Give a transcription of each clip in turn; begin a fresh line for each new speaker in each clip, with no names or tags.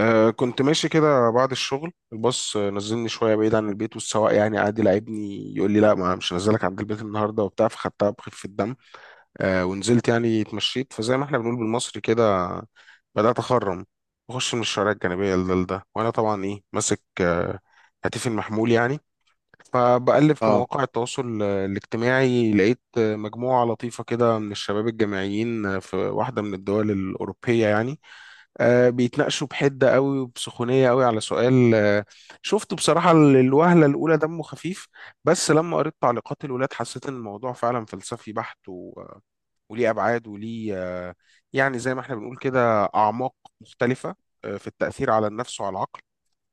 كنت ماشي كده بعد الشغل الباص، نزلني شوية بعيد عن البيت، والسواق يعني قعد يلاعبني، يقول لي لا، ما مش هنزلك عند البيت النهاردة وبتاع، فخدتها بخفة الدم. ونزلت يعني اتمشيت، فزي ما احنا بنقول بالمصري كده بدأت أخرم، بخش من الشوارع الجانبية لده لده، وأنا طبعا إيه ماسك هاتفي المحمول يعني. فبقلب في
اه،
مواقع التواصل الاجتماعي، لقيت مجموعة لطيفة كده من الشباب الجامعيين في واحدة من الدول الأوروبية يعني، بيتناقشوا بحدة قوي وبسخونية قوي على سؤال شفته بصراحة الوهلة الأولى دمه خفيف. بس لما قريت تعليقات الولاد، حسيت إن الموضوع فعلا فلسفي بحت، وليه أبعاد وليه، يعني زي ما احنا بنقول كده أعماق مختلفة في التأثير على النفس وعلى العقل.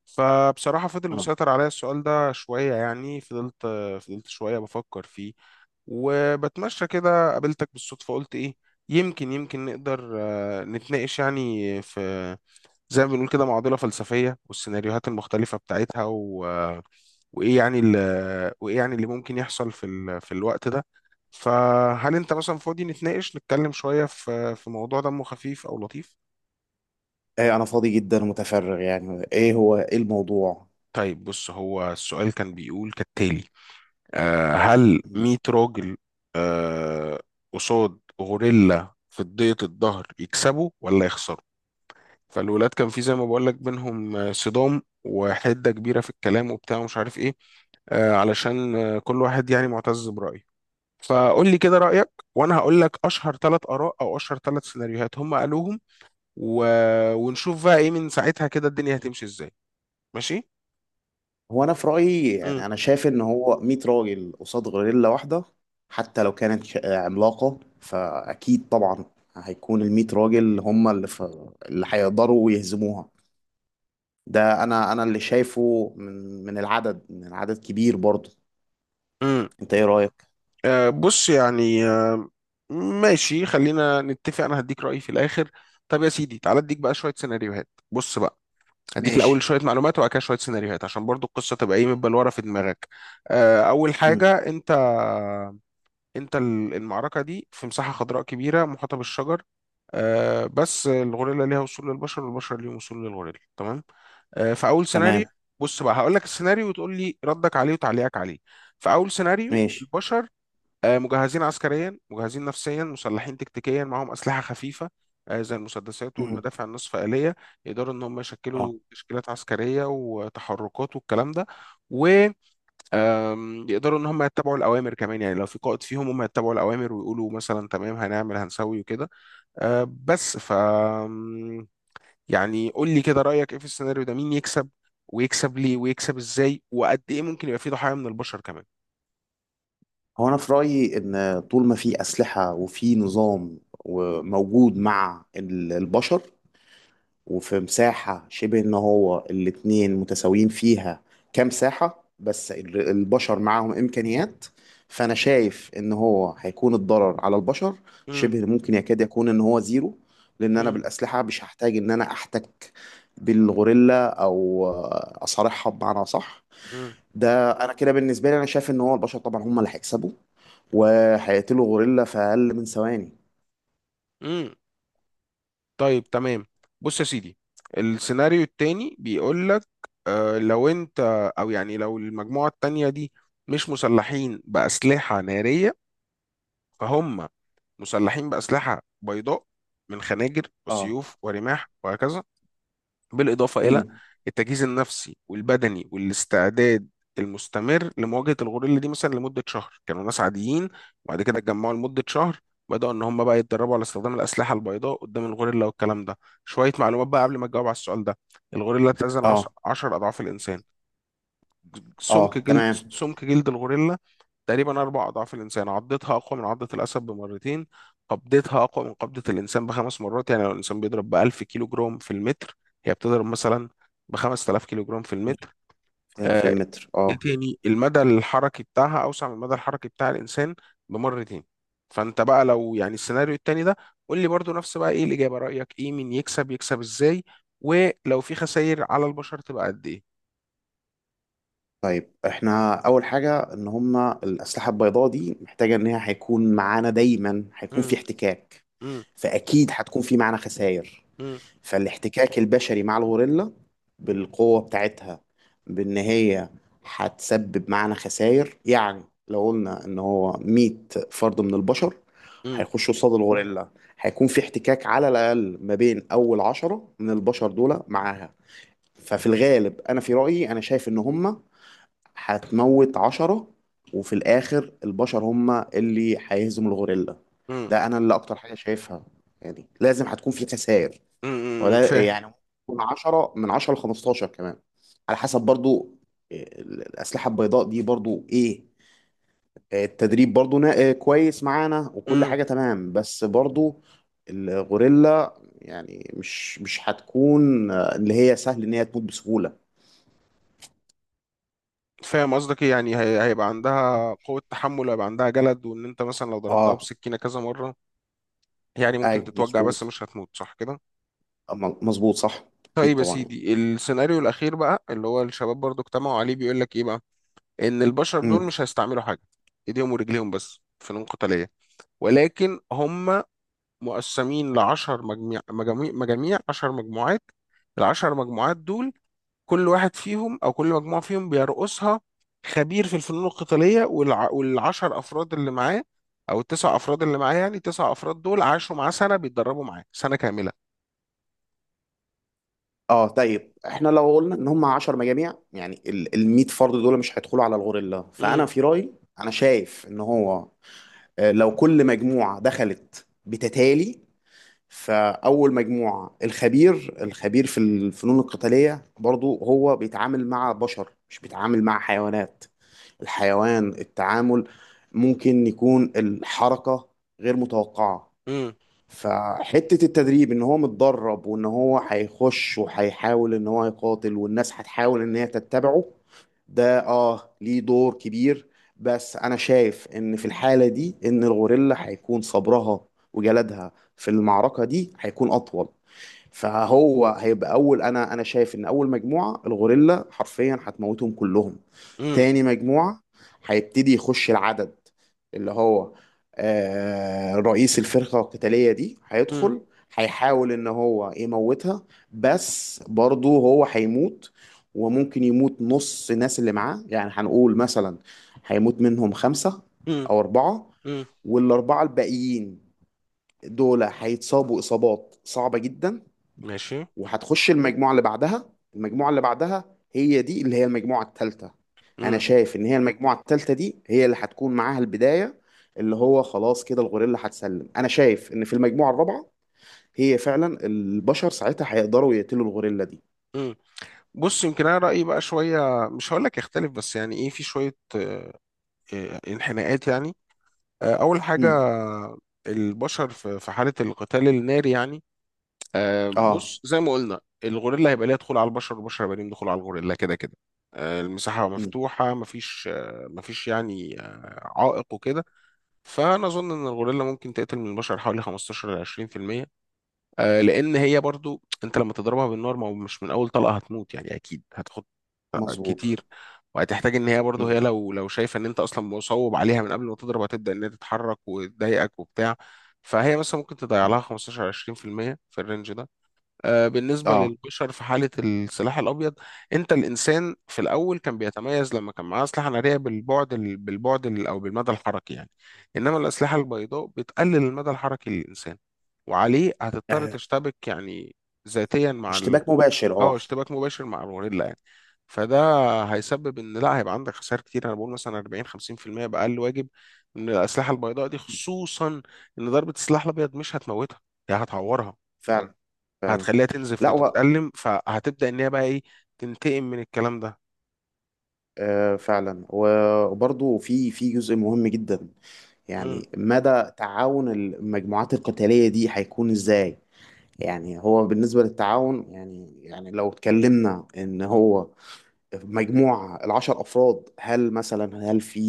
فبصراحة فضل
اه،
مسيطر عليا السؤال ده شوية، يعني فضلت شوية بفكر فيه، وبتمشى كده قابلتك بالصدفة، قلت إيه، يمكن نقدر نتناقش يعني في زي ما بنقول كده معضلة فلسفية والسيناريوهات المختلفة بتاعتها، و... وإيه يعني ال... وإيه يعني اللي ممكن يحصل في الوقت ده. فهل أنت مثلا فاضي نتناقش نتكلم شوية في موضوع دمه خفيف أو لطيف؟
ايه انا فاضي جدا ومتفرغ، يعني ايه هو ايه الموضوع؟
طيب بص، هو السؤال كان بيقول كالتالي. هل
مم.
100 راجل آه قصاد غوريلا في ضيق الظهر يكسبوا ولا يخسروا؟ فالولاد كان في زي ما بقول لك بينهم صدام وحدة كبيرة في الكلام وبتاع ومش عارف ايه، علشان كل واحد يعني معتز برأيه. فقول لي كده رأيك، وانا هقول لك اشهر ثلاث اراء او اشهر ثلاث سيناريوهات هم قالوهم، و... ونشوف بقى ايه من ساعتها كده الدنيا هتمشي ازاي. ماشي.
هو انا في رايي،
امم.
يعني انا شايف ان هو 100 راجل قصاد غوريلا واحده، حتى لو كانت عملاقه، فاكيد طبعا هيكون ال 100 راجل هم اللي هيقدروا يهزموها. ده انا اللي شايفه من العدد، من عدد كبير برضه.
امم.
انت ايه رايك؟
بص يعني، ماشي، خلينا نتفق، انا هديك رأيي في الاخر. طب يا سيدي، تعالى اديك بقى شوية سيناريوهات، بص بقى. هديك الاول
ماشي.
شويه معلومات، وبعد كده شويه سيناريوهات، عشان برضو القصه تبقى ايه متبلوره ورا في دماغك. اول
مم.
حاجه، انت المعركه دي في مساحه خضراء كبيره محاطه بالشجر، بس الغوريلا ليها وصول للبشر والبشر ليهم وصول للغوريلا. تمام. فاول سيناريو،
تمام.
بص بقى هقول لك السيناريو وتقول لي ردك عليه وتعليقك عليه. فاول سيناريو،
ماشي.
البشر مجهزين عسكريا، مجهزين نفسيا، مسلحين تكتيكيا، معاهم أسلحة خفيفة زي المسدسات
مم.
والمدافع النصف آلية. يقدروا إن هم يشكلوا تشكيلات عسكرية وتحركات والكلام ده، ويقدروا إن هم يتبعوا الأوامر كمان، يعني لو في قائد فيهم هم يتبعوا الأوامر ويقولوا مثلا تمام هنعمل هنسوي وكده. بس ف آم، يعني قول لي كده رأيك إيه في السيناريو ده، مين يكسب، ويكسب ليه، ويكسب إزاي، وقد إيه ممكن يبقى فيه ضحايا من البشر كمان؟
هو انا في رايي ان طول ما في اسلحه وفي نظام وموجود مع البشر، وفي مساحه شبه ان هو الاتنين متساويين فيها كمساحه، بس البشر معاهم امكانيات. فانا شايف ان هو هيكون الضرر على البشر
امم.
شبه ممكن يكاد يكون ان هو زيرو، لان انا
امم.
بالاسلحه مش هحتاج ان انا احتك بالغوريلا او اصارعها بمعنى. صح. ده انا كده بالنسبه لي انا شايف ان هو البشر طبعا هم اللي هيكسبوا وهيقتلوا غوريلا في أقل من ثواني.
امم. طيب، تمام. بص يا سيدي، السيناريو التاني بيقول لك لو انت، او يعني لو المجموعة التانية دي مش مسلحين بأسلحة نارية، فهم مسلحين بأسلحة بيضاء من خناجر
اه.
وسيوف ورماح وهكذا، بالإضافة إلى
امم.
التجهيز النفسي والبدني والاستعداد المستمر لمواجهة الغوريلا دي. مثلا لمدة شهر كانوا ناس عاديين، وبعد كده اتجمعوا لمدة شهر بدأوا إن هم بقى يتدربوا على استخدام الأسلحة البيضاء قدام الغوريلا والكلام ده. شوية معلومات بقى قبل ما تجاوب على السؤال ده. الغوريلا تزن
اه،
10 أضعاف الإنسان. سمك
اه،
جلد
تمام.
سمك جلد الغوريلا تقريبا أربع أضعاف الإنسان. عضتها أقوى من عضة الأسد بمرتين، قبضتها أقوى من قبضة الإنسان بخمس مرات. يعني لو الإنسان بيضرب بألف كيلو جرام في المتر، هي بتضرب مثلا بخمس تلاف كيلو جرام في المتر.
في
آه،
المتر،
إيه
اه.
تاني، المدى الحركي بتاعها أوسع من المدى الحركي بتاع الإنسان بمرتين. فأنت بقى لو، يعني السيناريو التاني ده، قول لي برضو نفس بقى إيه الإجابة، رأيك إيه، مين يكسب، يكسب إزاي، ولو في خسائر على البشر تبقى قد إيه؟
طيب احنا أول حاجة إن هما الأسلحة البيضاء دي محتاجة إن هي هيكون معانا دايما، هيكون
مم.
في احتكاك.
مم.
فأكيد هتكون في معانا خسائر.
مم.
فالاحتكاك البشري مع الغوريلا بالقوة بتاعتها، بإن هي هتسبب معانا خسائر. يعني لو قلنا إن هو 100 فرد من البشر
مم.
هيخشوا قصاد الغوريلا، هيكون في احتكاك على الأقل ما بين أول عشرة من البشر دول معاها. ففي الغالب أنا في رأيي أنا شايف إن هما هتموت عشرة، وفي الآخر البشر هما اللي هيهزموا الغوريلا.
مم.
ده أنا اللي أكتر حاجة شايفها. يعني لازم هتكون في خسائر،
مم. مم.
ولا
فاهم.
يعني من 10 ل 15 كمان، على حسب برضو الأسلحة البيضاء دي، برضو إيه إيه، التدريب برضو نا- إيه، كويس معانا وكل
مم.
حاجة تمام. بس برضو الغوريلا يعني مش هتكون اللي هي سهل إن هي تموت بسهولة.
فاهم قصدك إيه؟ يعني هيبقى عندها قوة تحمل، وهيبقى عندها جلد، وان انت مثلا لو ضربتها
اه.
بسكينة كذا مرة يعني ممكن
ايوه،
تتوجع، بس
مظبوط.
مش هتموت، صح كده؟
أما- مظبوط، صح. اكيد
طيب يا
طبعا، يعني.
سيدي السيناريو الأخير بقى، اللي هو الشباب برضو اجتمعوا عليه، بيقول لك ايه بقى؟ ان البشر دول
امم.
مش هيستعملوا حاجة، ايديهم ورجليهم بس، فنون قتالية. ولكن هم مقسمين لعشر مجميع مجاميع مجاميع، عشر مجموعات. العشر مجموعات دول كل واحد فيهم او كل مجموعه فيهم بيرقصها خبير في الفنون القتاليه، والعشر افراد اللي معاه، او التسع افراد اللي معاه، يعني التسع افراد دول عاشوا معاه سنه، بيتدربوا معاه سنه كامله.
اه. طيب احنا لو قلنا ان هم 10 مجاميع، يعني ال 100 فرد دول مش هيدخلوا على الغوريلا،
امم.
فانا في رايي انا شايف ان هو لو كل مجموعة دخلت بتتالي، فأول مجموعة الخبير، الخبير في الفنون القتالية، برضو هو بيتعامل مع بشر، مش بيتعامل مع حيوانات. الحيوان التعامل ممكن يكون الحركة غير متوقعة.
امم.
فحتة التدريب ان هو متدرب وان هو هيخش وهيحاول ان هو يقاتل والناس هتحاول ان هي تتبعه، ده ليه دور كبير. بس انا شايف ان في الحالة دي ان الغوريلا هيكون صبرها وجلدها في المعركة دي هيكون اطول. فهو هيبقى انا شايف ان اول مجموعه الغوريلا حرفيا هتموتهم كلهم.
امم.
تاني مجموعه هيبتدي يخش العدد، اللي هو رئيس الفرقه القتاليه دي
امم.
هيدخل، هيحاول ان هو يموتها، بس برضه هو هيموت. وممكن يموت نص الناس اللي معاه، يعني هنقول مثلا هيموت منهم خمسة
امم.
أو أربعة،
امم.
والأربعة الباقيين دول هيتصابوا إصابات صعبة جدا.
ماشي.
وهتخش المجموعة اللي بعدها، المجموعة اللي بعدها هي دي اللي هي المجموعة الثالثة. أنا
امم.
شايف إن هي المجموعة الثالثة دي هي اللي هتكون معاها البداية، اللي هو خلاص كده الغوريلا هتسلم. أنا شايف إن في المجموعة الرابعة هي فعلا البشر ساعتها هيقدروا يقتلوا الغوريلا دي.
امم. بص، يمكن انا رايي بقى شويه مش هقول لك يختلف، بس يعني ايه في شويه، انحناءات يعني. اول حاجه،
امم.
البشر في حاله القتال الناري يعني،
اه.
بص زي ما قلنا، الغوريلا هيبقى ليها دخول على البشر والبشر هيبقى ليهم دخول على الغوريلا كده كده. المساحة
امم.
مفتوحة، مفيش يعني عائق وكده. فأنا أظن إن الغوريلا ممكن تقتل من البشر حوالي 15 ل 20%. لأن هي برضو، أنت لما تضربها بالنار ما هو مش من أول طلقة هتموت يعني، أكيد هتاخد
مظبوط.
كتير، وهتحتاج إن هي برضو، هي
امم.
لو شايفة إن أنت أصلا مصوب عليها من قبل ما تضرب، هتبدأ إن هي تتحرك وتضايقك وبتاع. فهي مثلا ممكن تضيع لها
أمم.
15 20% في المية في الرينج ده. بالنسبة
اه.
للبشر في حالة السلاح الأبيض، أنت الإنسان في الأول كان بيتميز لما كان معاه أسلحة نارية أو بالمدى الحركي يعني. إنما الأسلحة البيضاء بتقلل المدى الحركي للإنسان، وعليه هتضطر
آه،
تشتبك يعني ذاتيا
اشتباك مباشر،
أو
اه.
اشتباك مباشر مع الغوريلا يعني. فده هيسبب إن لا، هيبقى عندك خسائر كتير. أنا بقول مثلا 40 50% بأقل واجب من الأسلحة البيضاء دي، خصوصا إن ضربة السلاح الأبيض مش هتموتها، هي هتعورها،
فعلا.
فهتخليها تنزف
لا
وتتألم، فهتبدأ ان هي بقى ايه، تنتقم من الكلام ده.
فعلا. و- وبرضه في جزء مهم جدا،
مم.
يعني مدى تعاون المجموعات القتالية دي هيكون ازاي؟ يعني هو بالنسبة للتعاون، يعني لو اتكلمنا ان هو مجموعة العشر افراد، هل مثلا، هل في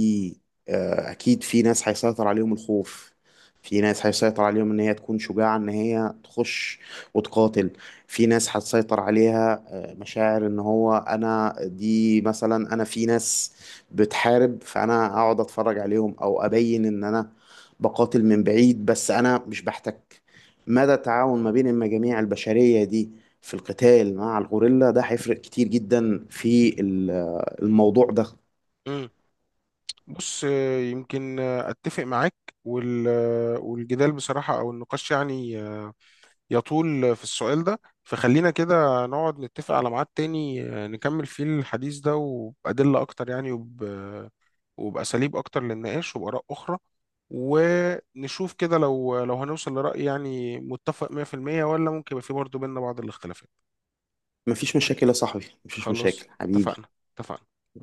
اكيد في ناس هيسيطر عليهم الخوف، في ناس هيسيطر عليهم ان هي تكون شجاعة ان هي تخش وتقاتل، في ناس هتسيطر عليها مشاعر ان هو انا دي مثلا انا في ناس بتحارب فانا اقعد اتفرج عليهم، او ابين ان انا بقاتل من بعيد بس انا مش بحتك. مدى التعاون ما بين المجاميع البشرية دي في القتال مع الغوريلا ده هيفرق كتير جدا في الموضوع ده.
مم. بص، يمكن اتفق معاك، والجدال بصراحة او النقاش يعني يطول في السؤال ده. فخلينا كده نقعد نتفق على ميعاد تاني نكمل فيه الحديث ده وبأدلة اكتر يعني، وب... آه، وبأساليب اكتر للنقاش وبآراء اخرى، ونشوف كده لو هنوصل لرأي يعني متفق 100%، ولا ممكن يبقى في برضه بيننا بعض الاختلافات.
مفيش مشاكل يا صاحبي، مفيش
خلاص،
مشاكل حبيبي.
اتفقنا، اتفقنا.